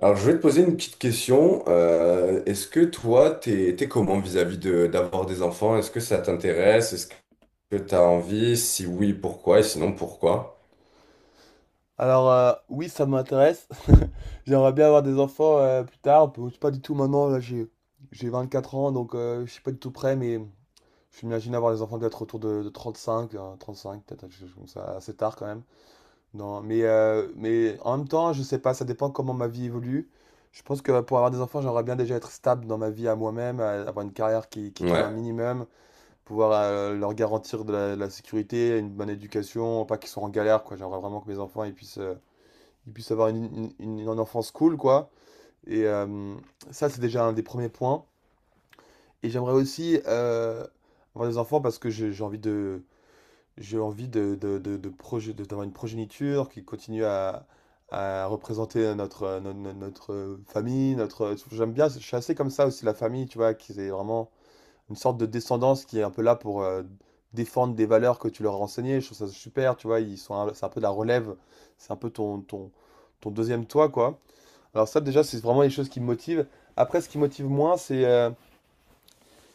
Alors, je vais te poser une petite question. Est-ce que toi, t'es comment vis-à-vis d'avoir des enfants? Est-ce que ça t'intéresse? Est-ce que t'as envie? Si oui, pourquoi? Et sinon, pourquoi? Alors oui, ça m'intéresse. J'aimerais bien avoir des enfants plus tard. Bon, c'est pas du tout maintenant, là j'ai 24 ans, donc je suis pas du tout prêt, mais je m'imagine avoir des enfants peut-être autour de 35, 35, peut-être quelque chose comme ça, assez tard quand même. Non, mais en même temps, je sais pas, ça dépend comment ma vie évolue. Je pense que pour avoir des enfants, j'aimerais bien déjà être stable dans ma vie à moi-même, avoir une carrière qui tourne un Ouais. minimum, pouvoir leur garantir de la sécurité, une bonne éducation, pas qu'ils soient en galère, quoi. J'aimerais vraiment que mes enfants ils puissent avoir une enfance cool, quoi. Et ça, c'est déjà un des premiers points. Et j'aimerais aussi avoir des enfants parce que j'ai envie de, j'ai envie de d'avoir une progéniture qui continue à représenter notre, no- no- notre, famille, notre, j'aime bien, je suis assez comme ça aussi, la famille, tu vois, qu'ils aient vraiment une sorte de descendance qui est un peu là pour défendre des valeurs que tu leur as enseignées, je trouve ça super, tu vois, ils sont, c'est un peu de la relève, c'est un peu ton deuxième toi, quoi. Alors ça, déjà, c'est vraiment les choses qui me motivent. Après, ce qui me motive moins, c'est euh,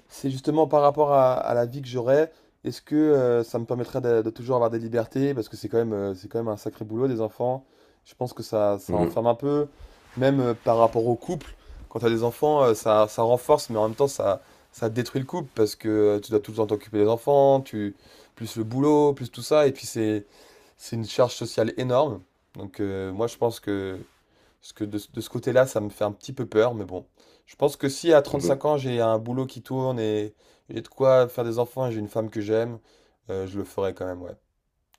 c'est justement par rapport à la vie que j'aurai. Est-ce que ça me permettrait de toujours avoir des libertés? Parce que c'est quand même un sacré boulot des enfants. Je pense que ça enferme Mhm. un peu, même par rapport au couple. Quand tu as des enfants, ça renforce, mais en même temps, ça détruit le couple parce que tu dois tout le temps t'occuper des enfants, plus le boulot, plus tout ça. Et puis c'est une charge sociale énorme. Donc moi, je pense que parce que de ce côté-là, ça me fait un petit peu peur, mais bon. Je pense que si à Mhm. 35 ans, j'ai un boulot qui tourne et j'ai de quoi faire des enfants et j'ai une femme que j'aime, je le ferai quand même, ouais.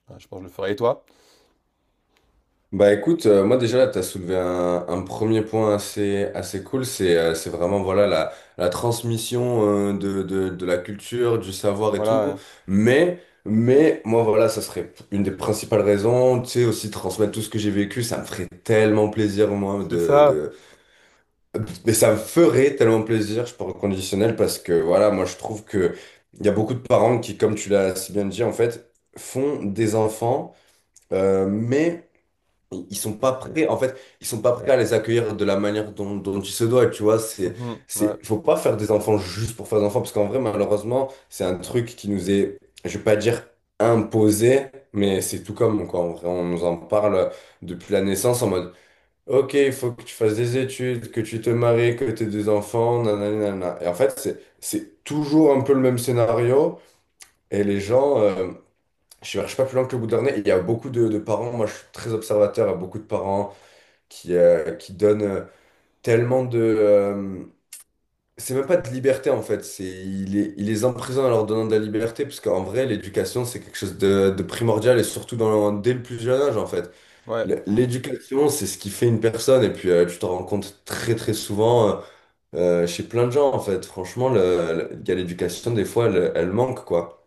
Ouais, je pense que je le ferai. Et toi? Bah écoute, moi déjà là, tu as soulevé un premier point assez, assez cool, c'est vraiment voilà la transmission de la culture, du savoir et Voilà, tout. ouais. Mais moi voilà, ça serait une des principales raisons, tu sais, aussi transmettre tout ce que j'ai vécu, ça me ferait tellement plaisir moi C'est ça. de... Mais ça me ferait tellement plaisir, je parle au conditionnel, parce que voilà, moi je trouve que il y a beaucoup de parents qui, comme tu l'as si bien dit, en fait, font des enfants, mais ils sont pas prêts en fait, ils sont pas prêts à les accueillir de la manière dont, dont il se doit, tu vois. c'est Mhm, ouais, c'est faut pas faire des enfants juste pour faire des enfants, parce qu'en vrai malheureusement c'est un truc qui nous est, je vais pas dire imposé, mais c'est tout comme. Quoi, en vrai on nous en parle depuis la naissance, en mode ok il faut que tu fasses des études, que tu te maries, que tu aies des enfants, nanana nanana. Et en fait c'est toujours un peu le même scénario. Et les gens je cherche pas plus loin que le bout de leur nez. Il y a beaucoup de parents, moi je suis très observateur, il y a beaucoup de parents qui donne tellement de... c'est même pas de liberté en fait, c'est, il les emprisonne en leur donnant de la liberté, parce qu'en vrai, l'éducation, c'est quelque chose de primordial, et surtout dans, dès le plus jeune âge en fait. ouais. L'éducation, c'est ce qui fait une personne, et puis tu t'en rends compte très très souvent chez plein de gens en fait. Franchement, il y a l'éducation, des fois, elle, elle manque quoi.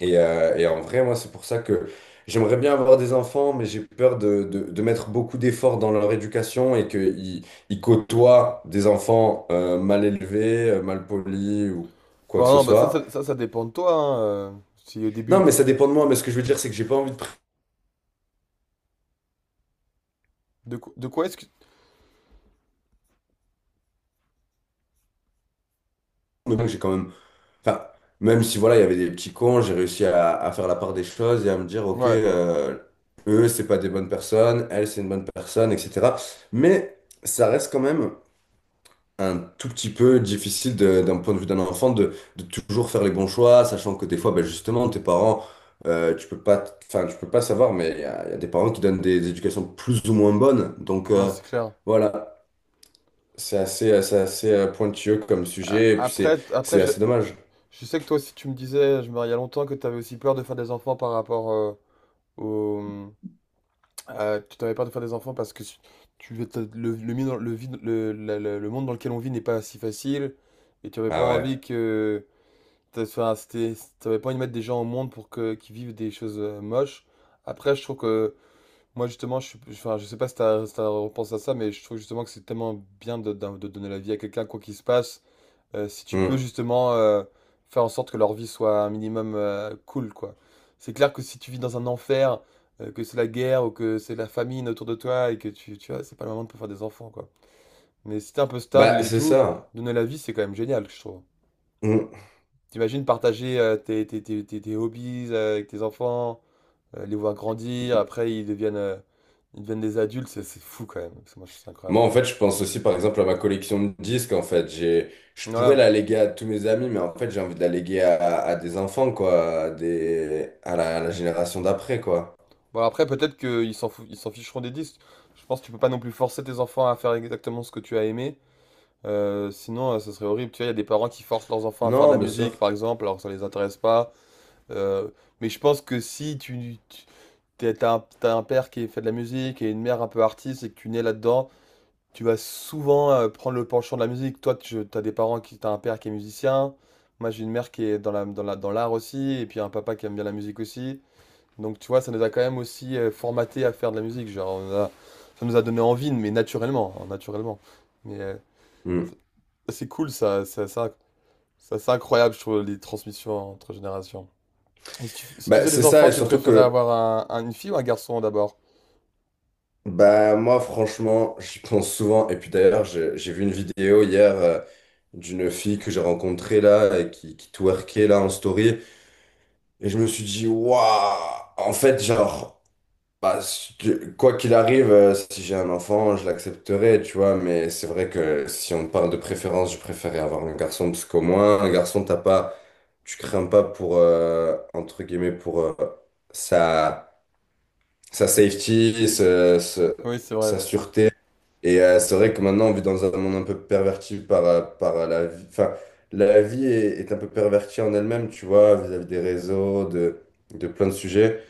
Et en vrai, moi, c'est pour ça que j'aimerais bien avoir des enfants, mais j'ai peur de mettre beaucoup d'efforts dans leur éducation et qu'ils ils côtoient des enfants mal élevés, mal polis ou quoi Bon, que ce non, bah ça, ça, soit. ça, ça dépend de toi, hein, si au Non, début. mais ça dépend de moi. Mais ce que je veux dire, c'est que j'ai pas envie de prendre. De quoi est-ce que... Le j'ai quand même. Enfin, même si voilà, il y avait des petits cons, j'ai réussi à faire la part des choses et à me dire, ok, Ouais, eux, c'est pas des bonnes personnes, elle, c'est une bonne personne, etc. Mais ça reste quand même. Un tout petit peu difficile de- d'un point de vue d'un enfant de toujours faire les bons choix, sachant que des fois, ben justement, tes parents, tu peux pas, enfin, tu peux pas savoir, mais il y a des parents qui donnent des éducations plus ou moins bonnes. Donc non, c'est clair. voilà, c'est assez pointilleux comme A- sujet, et puis Après, t- après c'est je, assez dommage. je sais que toi aussi, tu me disais, je me il y a longtemps, que tu avais aussi peur de faire des enfants par rapport au... Tu t'avais peur de faire des enfants parce que tu, t'as- le, mi- le, vide- le, le monde dans lequel on vit n'est pas si facile et tu avais pas Ah envie ouais. que. Enfin, t'avais pas envie de mettre des gens au monde pour qu'ils vivent des choses moches. Après, je trouve que. Moi, justement, enfin, je sais pas si tu as, repensé à ça, mais je trouve justement que c'est tellement bien de donner la vie à quelqu'un, quoi qu'il se passe. Si tu peux Hmm. justement faire en sorte que leur vie soit un minimum cool, quoi. C'est clair que si tu vis dans un enfer, que c'est la guerre ou que c'est la famine autour de toi et que tu vois, c'est pas le moment de pouvoir faire des enfants, quoi. Mais si t'es un peu stable Bah et c'est tout, ça. donner la vie, c'est quand même génial, je trouve. Mmh. T'imagines partager tes hobbies avec tes enfants, les voir grandir, après ils deviennent des adultes, c'est fou quand même, parce que moi je trouve ça incroyable. Moi, en fait, je pense aussi, par exemple, à ma collection de disques. En fait, j'ai, je pourrais Voilà. la léguer à tous mes amis, mais en fait, j'ai envie de la léguer à des enfants, quoi, à des, à la génération d'après, quoi. Bon, après, peut-être qu'ils s'en fou- ils s'en ficheront des disques. Je pense que tu peux pas non plus forcer tes enfants à faire exactement ce que tu as aimé. Sinon, ça serait horrible. Tu vois, il y a des parents qui forcent leurs enfants à faire de Non, la bien sûr. musique, par exemple, alors que ça les intéresse pas. Euh, mais je pense que si tu t'as un père qui fait de la musique et une mère un peu artiste et que tu nais là-dedans, tu vas souvent prendre le penchant de la musique. Toi, tu as des parents t'as un père qui est musicien. Moi, j'ai une mère qui est dans l'art aussi, et puis un papa qui aime bien la musique aussi. Donc tu vois, ça nous a quand même aussi formaté à faire de la musique. Genre, ça nous a donné envie, mais naturellement, hein, naturellement. Mais Hmm. c'est c'est cool, ça, c'est incroyable, je trouve, les transmissions entre générations. Et si tu Bah, faisais c'est des ça, enfants, et tu surtout préférais que, avoir une fille ou un garçon d'abord? bah, moi, franchement, j'y pense souvent. Et puis d'ailleurs, j'ai vu une vidéo hier d'une fille que j'ai rencontrée là, et qui twerkait là en story. Et je me suis dit, waouh, en fait, genre. Bah, si tu- quoi qu'il arrive, si j'ai un enfant, je l'accepterai, tu vois, mais c'est vrai que si on parle de préférence, je préférais avoir un garçon, parce qu'au moins, un garçon, t'as pas, tu crains pas pour, entre guillemets, pour sa, sa safety, Oui, c'est vrai. sa sûreté. Et c'est vrai que maintenant, on vit dans un monde un peu perverti par, par la vie, enfin, la vie est, est un peu pervertie en elle-même, tu vois, vis-à-vis des réseaux, de plein de sujets.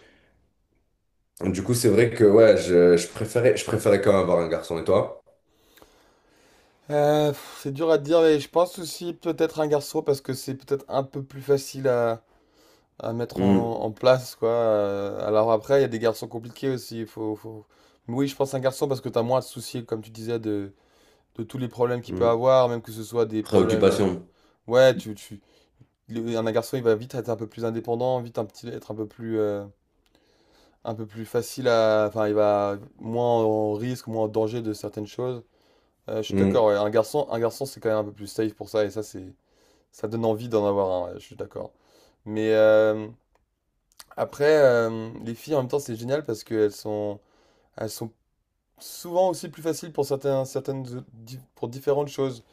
Du coup, c'est vrai que ouais, je préférais quand même avoir un garçon. Et toi? C'est dur à dire, mais je pense aussi peut-être un garçon parce que c'est peut-être un peu plus facile à mettre Hmm, en place, quoi. Alors après, il y a des garçons compliqués aussi. Il faut... Mais oui, je pense un garçon parce que t'as moins à te soucier, comme tu disais, de tous les problèmes qu'il peut hmm. avoir, même que ce soit des problèmes. Préoccupation. Ouais, un garçon, il va vite être un peu plus indépendant, vite être un peu plus, un peu plus, facile à. Enfin, il va moins en risque, moins en danger de certaines choses. Je suis Hmm, d'accord, ouais. Un garçon, c'est quand même un peu plus safe pour ça, et ça, ça donne envie d'en avoir un, ouais, je suis d'accord. Mais Après, les filles, en même temps, c'est génial parce qu'elles sont, elles sont souvent aussi plus faciles pour certains, certaines, di- pour différentes choses.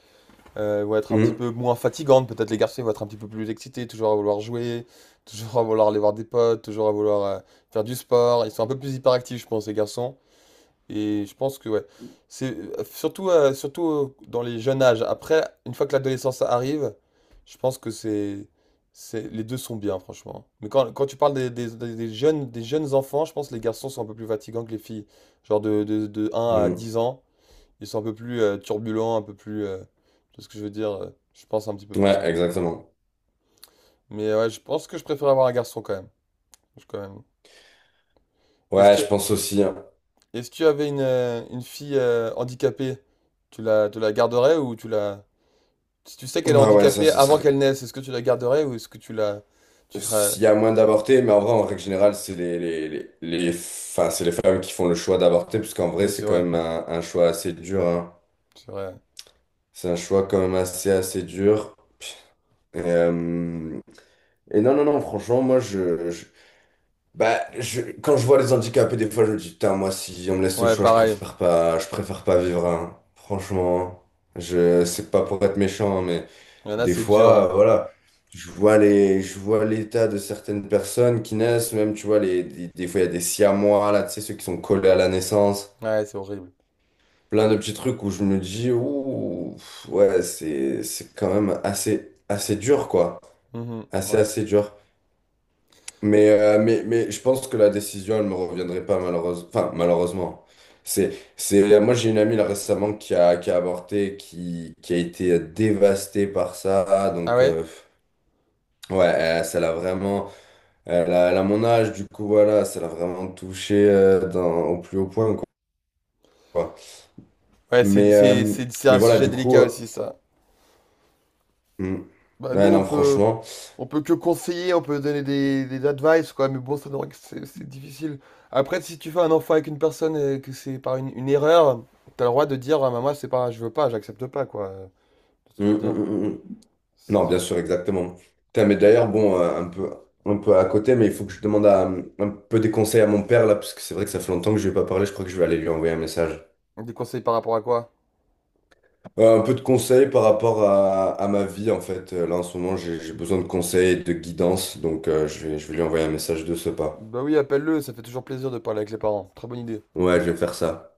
Elles vont être un petit hmm, peu moins fatigantes, peut-être les garçons ils vont être un petit peu plus excités, toujours à vouloir jouer, toujours à vouloir aller voir des potes, toujours à vouloir faire du sport. Ils sont un peu plus hyperactifs, je pense, les garçons. Et je pense que ouais, c'est surtout dans les jeunes âges. Après, une fois que l'adolescence arrive, je pense que c'est les deux sont bien franchement. Mais quand tu parles des jeunes enfants, je pense que les garçons sont un peu plus fatigants que les filles. Genre de un à hmm. dix ans, ils sont un peu plus turbulents, un peu plus tu vois ce que je veux dire, je pense un petit peu plus Ouais, quand même. exactement. Mais ouais, je pense que je préfère avoir un garçon quand même. Quand même. Et si Ouais, tu, je pense aussi, hein. Et si tu avais une fille handicapée, tu la garderais ou tu la... Si tu sais qu'elle est Ah ouais, ça, handicapée ce avant serait. qu'elle naisse, est-ce que tu la garderais ou est-ce que tu la... Tu ferais... S'il y a moins d'avortés, mais en vrai, en règle générale, c'est les- enfin, c'est les femmes qui font le choix d'avorter, parce qu'en vrai, Oui, c'est c'est quand vrai. même un choix assez dur, hein. C'est vrai. C'est un choix quand même assez, assez dur. Et, euh, et non, non, non, franchement, moi, je, bah, je- quand je vois les handicapés, des fois, je me dis, putain, moi, si on me laisse le Ouais, choix, pareil. Je préfère pas vivre, hein. Franchement, je, c'est pas pour être méchant, hein, mais Il y en a, des c'est dur, fois, hein. Voilà, je vois les, je vois l'état de certaines personnes qui naissent, même, tu vois, les, des fois, il y a des siamois, là, tu sais, ceux qui sont collés à la naissance, Ouais, c'est horrible. plein de petits trucs où je me dis, ouh, ouais, c'est quand même assez, assez dur, quoi. Mhm, Assez, ouais. assez dur. Mais je pense que la décision, elle me reviendrait pas malheureusement. Enfin, malheureusement. C'est... Moi, j'ai une amie là, récemment qui a avorté, qui a été dévastée par ça. Ah Donc, ouais? Ouais, elle- ça l'a vraiment... Elle a, elle a mon âge, du coup, voilà, ça l'a vraiment touché dans- au plus haut point, quoi. Ouais, c'est, Mais, c'est, euh, c'est, c'est mais un voilà, sujet du coup... délicat aussi, ça. hmm. Bah, nous, Ouais, on non, peut, franchement. on peut que conseiller, on peut donner des advice, quoi, mais bon, ça, c'est difficile. Après, si tu fais un enfant avec une personne et que c'est par une erreur, t'as le droit de dire, ah, maman, c'est pas, je veux pas, j'accepte pas, quoi. C'est ce que je Hmm, veux hmm, dire. hmm, hmm. C'est Non, bien difficile. sûr, exactement. Putain, mais d'ailleurs, bon, un peu à côté, mais il faut que je demande à- un peu des conseils à mon père, là, parce que c'est vrai que ça fait longtemps que je lui ai pas parlé, je crois que je vais aller lui envoyer un message. Des conseils par rapport à quoi? Un peu de conseils par rapport à ma vie, en fait. Là, en ce moment, j'ai besoin de conseils, et de guidance, donc je vais lui envoyer un message de ce pas. Bah oui, appelle-le, ça fait toujours plaisir de parler avec les parents. Très bonne idée. Ouais, je vais faire ça.